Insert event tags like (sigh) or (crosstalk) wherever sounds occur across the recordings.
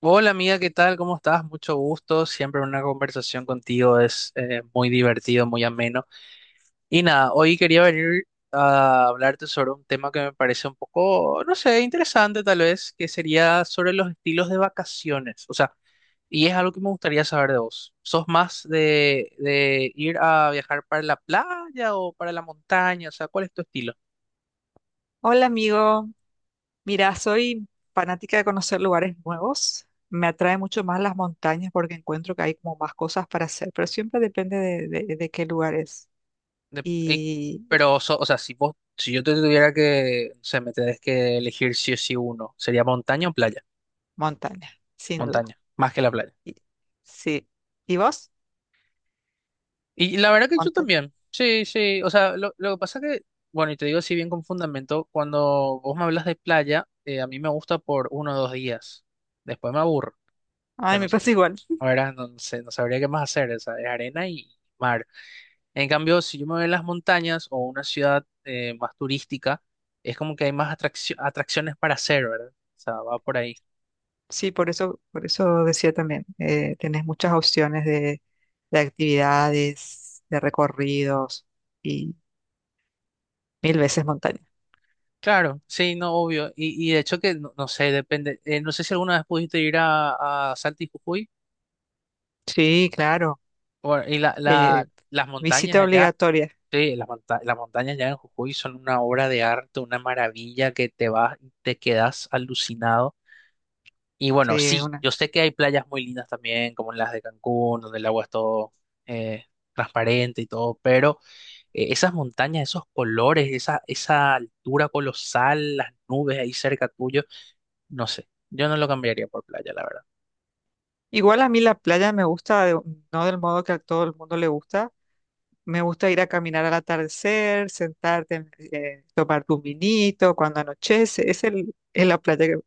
Hola amiga, ¿qué tal? ¿Cómo estás? Mucho gusto. Siempre una conversación contigo es muy divertido, muy ameno. Y nada, hoy quería venir a hablarte sobre un tema que me parece un poco, no sé, interesante tal vez, que sería sobre los estilos de vacaciones. O sea, y es algo que me gustaría saber de vos. ¿Sos más de ir a viajar para la playa o para la montaña? O sea, ¿cuál es tu estilo? Hola amigo, mira, soy fanática de conocer lugares nuevos. Me atrae mucho más las montañas porque encuentro que hay como más cosas para hacer, pero siempre depende de qué lugares. de- y- Y pero, o sea, si vos, si yo te tuviera que, o sea, me tenés que elegir sí o sí uno, sería montaña o playa. montaña, sin duda. Montaña, más que la playa. Y- sí. ¿Y vos? Y la verdad que yo Montaña. también. Sí, sí. O sea, lo que pasa que, bueno, y te digo así bien con fundamento, cuando vos me hablas de playa, a mí me gusta por uno o dos días. Después me aburro. O Ay, sea, no me pasa sabría. igual. Ahora no sé, no sabría qué más hacer. O sea, es arena y mar. En cambio, si yo me voy a las montañas o una ciudad más turística, es como que hay más atracciones para hacer, ¿verdad? O sea, va por ahí. Sí, por eso decía también, tenés muchas opciones de actividades, de recorridos y mil veces montaña. Claro, sí, no, obvio. Y de hecho que, no, no sé, depende. No sé si alguna vez pudiste ir a Salta y Jujuy. Sí, claro. Bueno, y eh, las montañas visita allá, obligatoria. sí, las montañas allá en Jujuy son una obra de arte, una maravilla que te vas, te quedas alucinado. Y bueno, Sí, es sí, una. yo sé que hay playas muy lindas también, como las de Cancún, donde el agua es todo eh, transparente y todo, pero esas montañas, esos colores, esa altura colosal, las nubes ahí cerca tuyo, no sé, yo no lo cambiaría por playa, la verdad. Igual a mí la playa me gusta, de- no del modo que a todo el mundo le gusta. Me gusta ir a caminar al atardecer, sentarte, tomar un vinito cuando anochece. Es la playa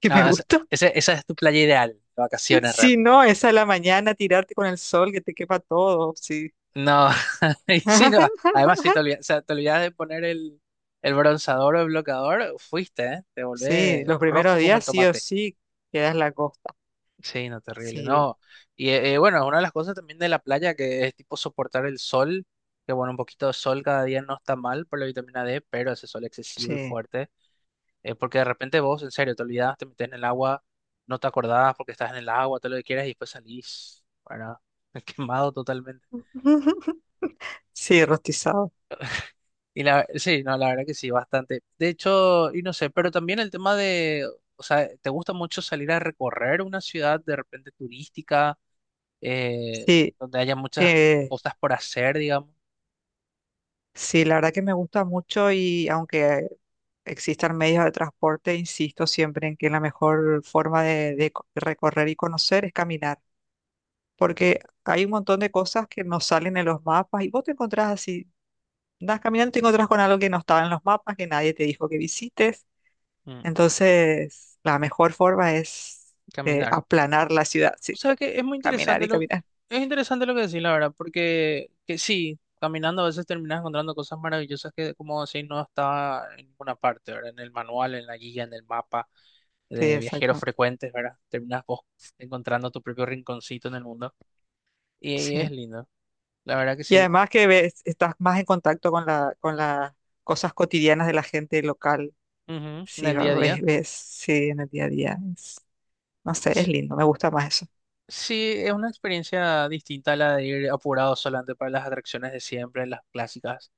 que me Ah, gusta. (laughs) Esa es tu playa ideal, de vacaciones Si realmente. no, es a la mañana tirarte con el sol que te quema todo. Sí. No, (laughs) y sí, no, además si (laughs) te olvidas, o sea, te olvidas de poner el bronceador o el bloqueador, fuiste, ¿eh? Te Sí, volvés los primeros rojo como el días sí o tomate. sí quedas en la costa. Sí, no, terrible, Sí, no. Y bueno, es una de las cosas también de la playa que es tipo soportar el sol, que bueno, un poquito de sol cada día no está mal por la vitamina D, pero ese sol excesivo y sí. fuerte, porque de repente vos, en serio, te olvidás, te metes en el agua, no te acordás porque estás en el agua, todo lo que quieras y después salís, bueno, (laughs) quemado totalmente. (laughs) Sí, rostizado. Y sí, no, la verdad que sí, bastante. De hecho, y no sé, pero también el tema de, o sea, ¿te gusta mucho salir a recorrer una ciudad de repente turística? Sí. Donde haya muchas eh, cosas por hacer, digamos. Sí, la verdad que me gusta mucho y aunque existan medios de transporte, insisto siempre en que la mejor forma de, recorrer y conocer es caminar, porque hay un montón de cosas que no salen en los mapas y vos te encontrás así, andas caminando y te encontrás con algo que no estaba en los mapas, que nadie te dijo que visites. Mm, Entonces, la mejor forma es Caminar. aplanar la ciudad, O sí, sea que caminar y caminar. es interesante lo que decís, la verdad, porque que sí, caminando a veces terminas encontrando cosas maravillosas que, como decís, no está en ninguna parte, ¿verdad? En el manual, en la guía, en el mapa Sí, de viajeros exacto. frecuentes, ¿verdad? Terminas vos encontrando tu propio rinconcito en el mundo y, es Sí. lindo, la verdad que Y sí. además que ves, estás más en contacto con la, con las cosas cotidianas de la gente local. Ujú, en Sí, el va- día a ves, día. ves, sí, en el día a día. Es- no sé, es lindo, me gusta más eso. Sí, es una experiencia distinta a la de ir apurado solamente para las atracciones de siempre, las clásicas.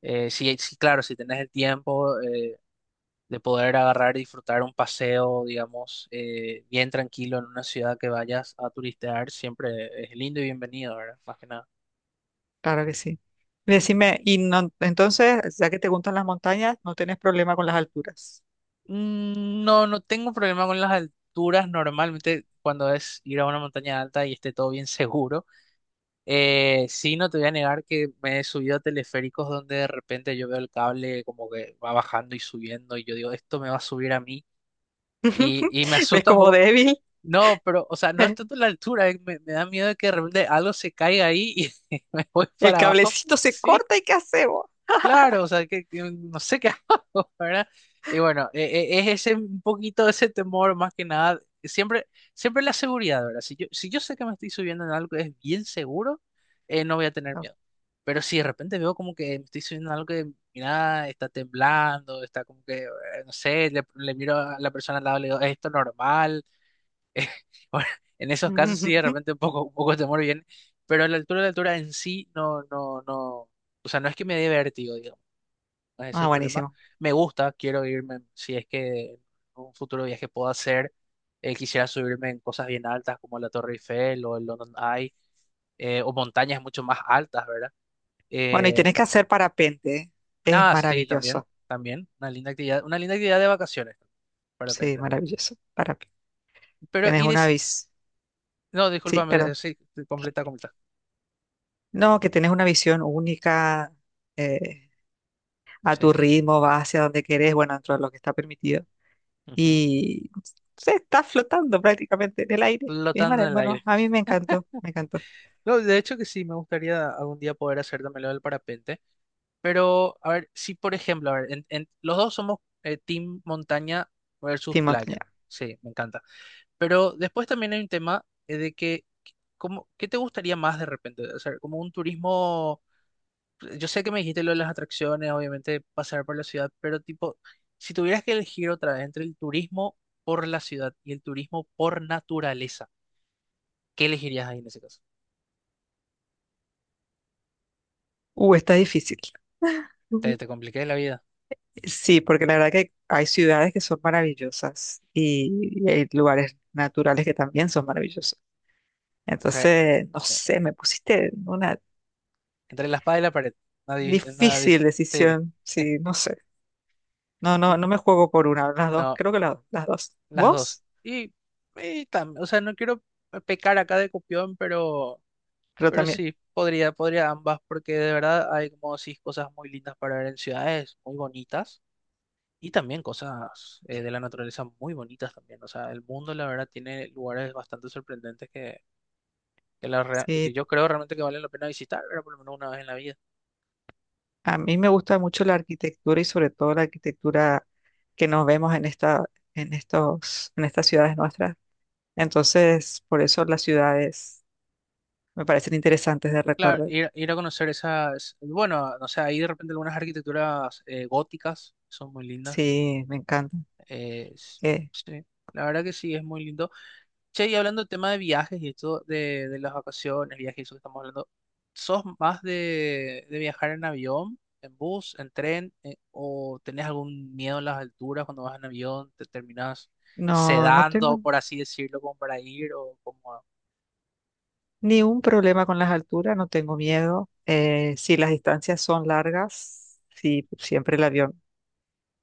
Sí, sí, claro, si tenés el tiempo de poder agarrar y disfrutar un paseo, digamos, bien tranquilo en una ciudad que vayas a turistear, siempre es lindo y bienvenido, ¿verdad? Más que nada. Claro que sí. Y decime, y no, entonces, ya que te gustan las montañas, no tenés problema con las alturas. No, no tengo problema con las alturas. Normalmente cuando es ir a una montaña alta y esté todo bien (laughs) seguro. Sí, no te voy a negar que me he subido a teleféricos donde de repente yo veo el cable como que va bajando y subiendo y yo digo, esto me va a subir a mí y, (laughs) y me ¿Ves asusta un como poco. débil? No, pero, o sea, no es tanto (laughs) la altura, me da miedo de que de repente algo se caiga ahí y (laughs) me voy El para abajo. cablecito se Sí. corta y ¿qué hacemos? Claro, o sea, que no sé qué (laughs) hago, ¿verdad? Y bueno, es ese un poquito ese temor más que nada, siempre, siempre la seguridad, ¿verdad? Si yo sé que me estoy subiendo en algo que es bien seguro, no voy a tener No. miedo. Pero si de repente veo como que me estoy subiendo en algo que, mira, está temblando, está como que, no sé, le miro a la persona al lado y le digo, ¿es esto normal? (laughs) Bueno, en esos casos sí, de (laughs) repente un poco de temor viene, pero a la altura en sí no, no, no. O sea, no es que me dé vértigo, ese es Ah, el problema. buenísimo. Me gusta, quiero irme, si es que en un futuro viaje puedo hacer, quisiera subirme en cosas bien altas como la Torre Eiffel o el London Eye, o montañas mucho más altas, ¿verdad? Bueno, y Eh, tenés que hacer parapente, ¿eh? Es ah, sí, también, maravilloso. también, una linda actividad de vacaciones, de Sí, repente. maravilloso. Parapente. Pero, Tenés una bici. no, Sí, discúlpame, perdón. sí, completa, completa. No, que tenés una visión única, eh, a tu Sí. ritmo, vas hacia donde querés, bueno, dentro de lo que está permitido. Ujú, Y se está flotando prácticamente en el aire. Es flotando en maravilloso. el Bueno, aire. a mí me encantó, me encantó. No, de hecho que sí, me gustaría algún día poder hacer también lo del parapente. Pero, a ver, si por ejemplo, a ver, los dos somos team montaña versus Sí, montaña. playa. Sí, me encanta. Pero después también hay un tema de que, ¿cómo, qué te gustaría más de repente? O sea, como un turismo, yo sé que me dijiste lo de las atracciones, obviamente pasar por la ciudad, pero tipo, si tuvieras que elegir otra vez entre el turismo por la ciudad y el turismo por naturaleza, ¿qué elegirías ahí en ese caso? Está difícil. Te, Ujú. te compliqué la vida. Sí, porque la verdad que hay ciudades que son maravillosas y hay lugares naturales que también son maravillosos. O sea, Entonces, no eh, sé, me pusiste en una entre la espada y la pared. Nadie, nadie, difícil sí. decisión. Sí, no sé. No, no, no (laughs) me juego por una, las dos, No, creo que las dos. las dos. ¿Vos? Y o sea, no quiero pecar acá de copión, pero, Pero pero también, sí, podría ambas, porque de verdad hay como decís cosas muy lindas para ver en ciudades muy bonitas y también cosas de la naturaleza muy bonitas también. O sea, el mundo la verdad tiene lugares bastante sorprendentes que, que, la rea- sí, que yo creo realmente que valen la pena visitar, pero por lo menos una vez en la vida. a mí me gusta mucho la arquitectura y sobre todo la arquitectura que nos vemos en esta, en estos, en estas ciudades nuestras. Entonces, por eso las ciudades me parecen interesantes de Claro, recorrer. ir a conocer esas, bueno, no sé, ahí de repente algunas arquitecturas góticas son muy lindas. Sí, me encanta. Eh, s- Eh, sí, la verdad que sí, es muy lindo. Che, y hablando del tema de viajes y esto de las vacaciones, viajes y eso que estamos hablando, ¿sos más de viajar en avión, en bus, en tren, o tenés algún miedo a las alturas cuando vas en avión, te terminás no, no tengo sedando, por así decirlo, como para ir, o como... ni un problema con las alturas, no tengo miedo. Si las distancias son largas, sí, siempre el avión.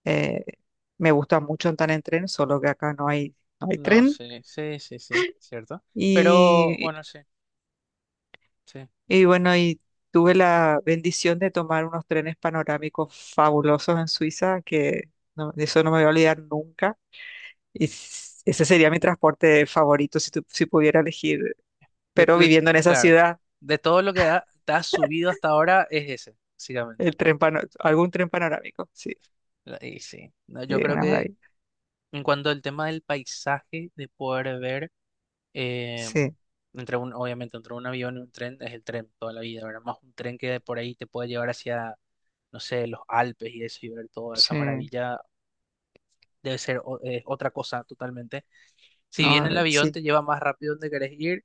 Eh, Me gusta mucho andar en tren, solo que acá no hay, no hay No tren. sé, sí, sí, sí, cierto. Pero Y, bueno, sí, sí. y bueno, y tuve la bendición de tomar unos trenes panorámicos fabulosos en Suiza, que no- de eso no me voy a olvidar nunca. Y s- ese sería mi transporte favorito si, tu- si pudiera elegir, De, pero de- viviendo en esa claro, ciudad, de todo lo que te has subido hasta ahora es ese, básicamente. el tren pano- algún tren panorámico, sí, Y sí, no, sí, yo creo una que maravilla. en cuanto al tema del paisaje, de poder ver, eh, Sí, obviamente entre un avión y un tren, es el tren toda la vida, ¿verdad? Más un tren que de por ahí te puede llevar hacia, no sé, los Alpes y eso, y ver toda esa sí, maravilla, debe ser otra cosa totalmente. Si bien no, el avión sí, te lleva más rápido donde querés ir,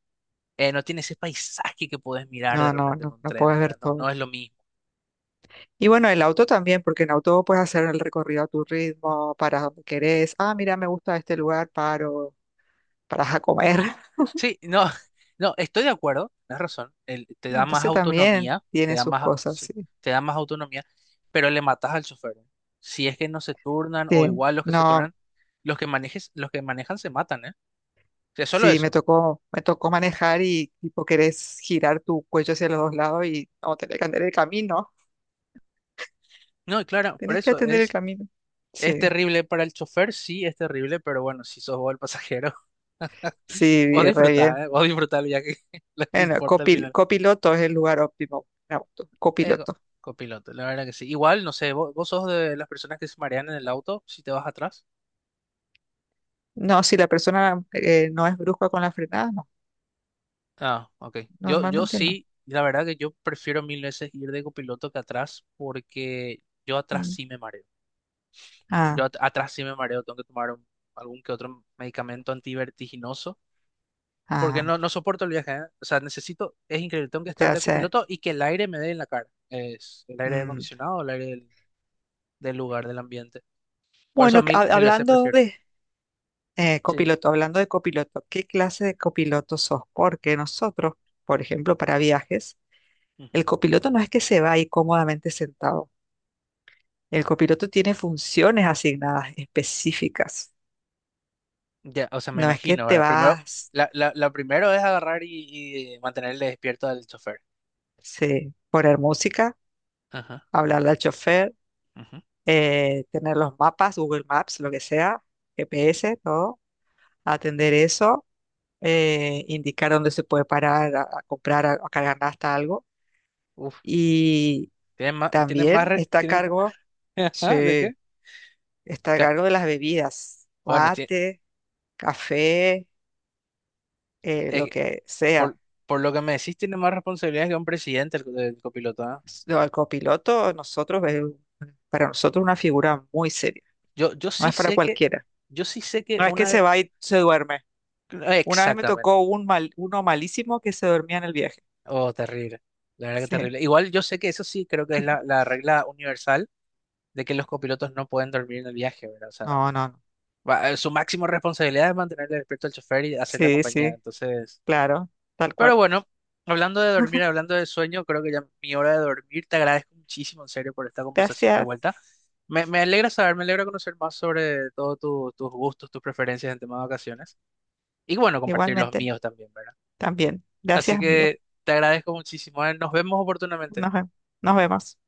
no tiene ese paisaje que puedes mirar de no, no, repente en no, un no tren, puedes ver ¿verdad? No, no todo. es lo mismo. Y bueno, el auto también, porque en auto puedes hacer el recorrido a tu ritmo, para donde querés. Ah, mira, me gusta este lugar, paro, paras a comer. (laughs) Sí, no, (laughs) no, estoy de acuerdo, tienes razón. Te da más Entonces también autonomía, tiene sus cosas, sí, sí. te da más autonomía, pero le matas al chofer, ¿eh? Si es que no se turnan, o Sí, igual los que se no, turnan, los que manejan se matan, ¿eh? O sea, solo sí, eso. Me tocó manejar y tipo querés girar tu cuello hacia los dos lados y no, tenés que atender el camino. No, y claro, por Tenés que eso atender el es, camino. es Sí, terrible para el chofer, sí, es terrible, pero bueno, si sos vos el pasajero, (laughs) sí, vos vi re disfrutás, bien. ¿eh? Vos disfrutás el viaje, (laughs) lo que Bueno, importa al final. copiloto es el lugar óptimo en auto, Eh, co- copiloto. copiloto, la verdad que sí. Igual, no sé, vos sos de las personas que se marean en el auto si te vas atrás. No, si la persona no es brusca con la frenada, no, Ah, ok. Yo normalmente no. sí, la verdad que yo prefiero mil veces ir de copiloto que atrás, porque yo atrás Mm. sí me mareo. Yo Ah, atrás sí me mareo, tengo que tomar algún que otro medicamento antivertiginoso, porque ah, no soporto el viaje, ¿eh? O sea, necesito, es increíble, tengo que te estar de hace. copiloto y que el aire me dé en la cara. Es el aire Mm. acondicionado, el aire del lugar, del ambiente. Por eso Bueno, que mil, mil veces hablando prefiero. de Sí. copiloto, hablando de copiloto, ¿qué clase de copiloto sos? Porque nosotros, por ejemplo, para viajes, Ujú. el copiloto no es que se va ahí cómodamente sentado. El copiloto tiene funciones asignadas específicas. Ya, o sea, me No es que imagino, te ahora, primero, vas la primero es agarrar y mantener despierto al chofer. sí, poner música, Ajá, hablarle al chofer, ujú. Tener los mapas, Google Maps, lo que sea, GPS, todo, atender eso, indicar dónde se puede parar a comprar, a cargar hasta algo. Uf, Y tienen más, tienen más, también re- está a tienen ma- cargo, (laughs) Ajá, ¿de sí, qué? está a Ca- cargo de las bebidas, Bueno, mate, café, es lo que que sea. por, por lo que me decís, tiene más responsabilidades que un presidente el copiloto, ¿ah? No, el copiloto, nosotros, es un- para nosotros una figura muy seria, Yo no sí es para sé que, cualquiera. yo sí sé que No es que una, se va y se duerme. Una vez me exactamente. tocó un mal, uno malísimo que se dormía en el viaje. Oh, terrible. La verdad que Sí, terrible. Igual yo sé que eso sí creo que es la regla universal de que los copilotos no pueden dormir en el viaje, ¿verdad? O sea, no, no, no. Su máxima responsabilidad es mantener despierto al chofer y hacer la Sí, compañía. sí, Entonces. claro, tal cual. Pero bueno, hablando de dormir, (laughs) hablando de sueño, creo que ya es mi hora de dormir. Te agradezco muchísimo, en serio, por esta conversación de Gracias. vuelta. Me alegra saber, me alegra conocer más sobre todos tus gustos, tus preferencias en tema de vacaciones. Y bueno, compartir los Igualmente, míos también, ¿verdad? también. Gracias, Así amigo. que te agradezco muchísimo. Nos vemos oportunamente. Nos, ve- nos vemos.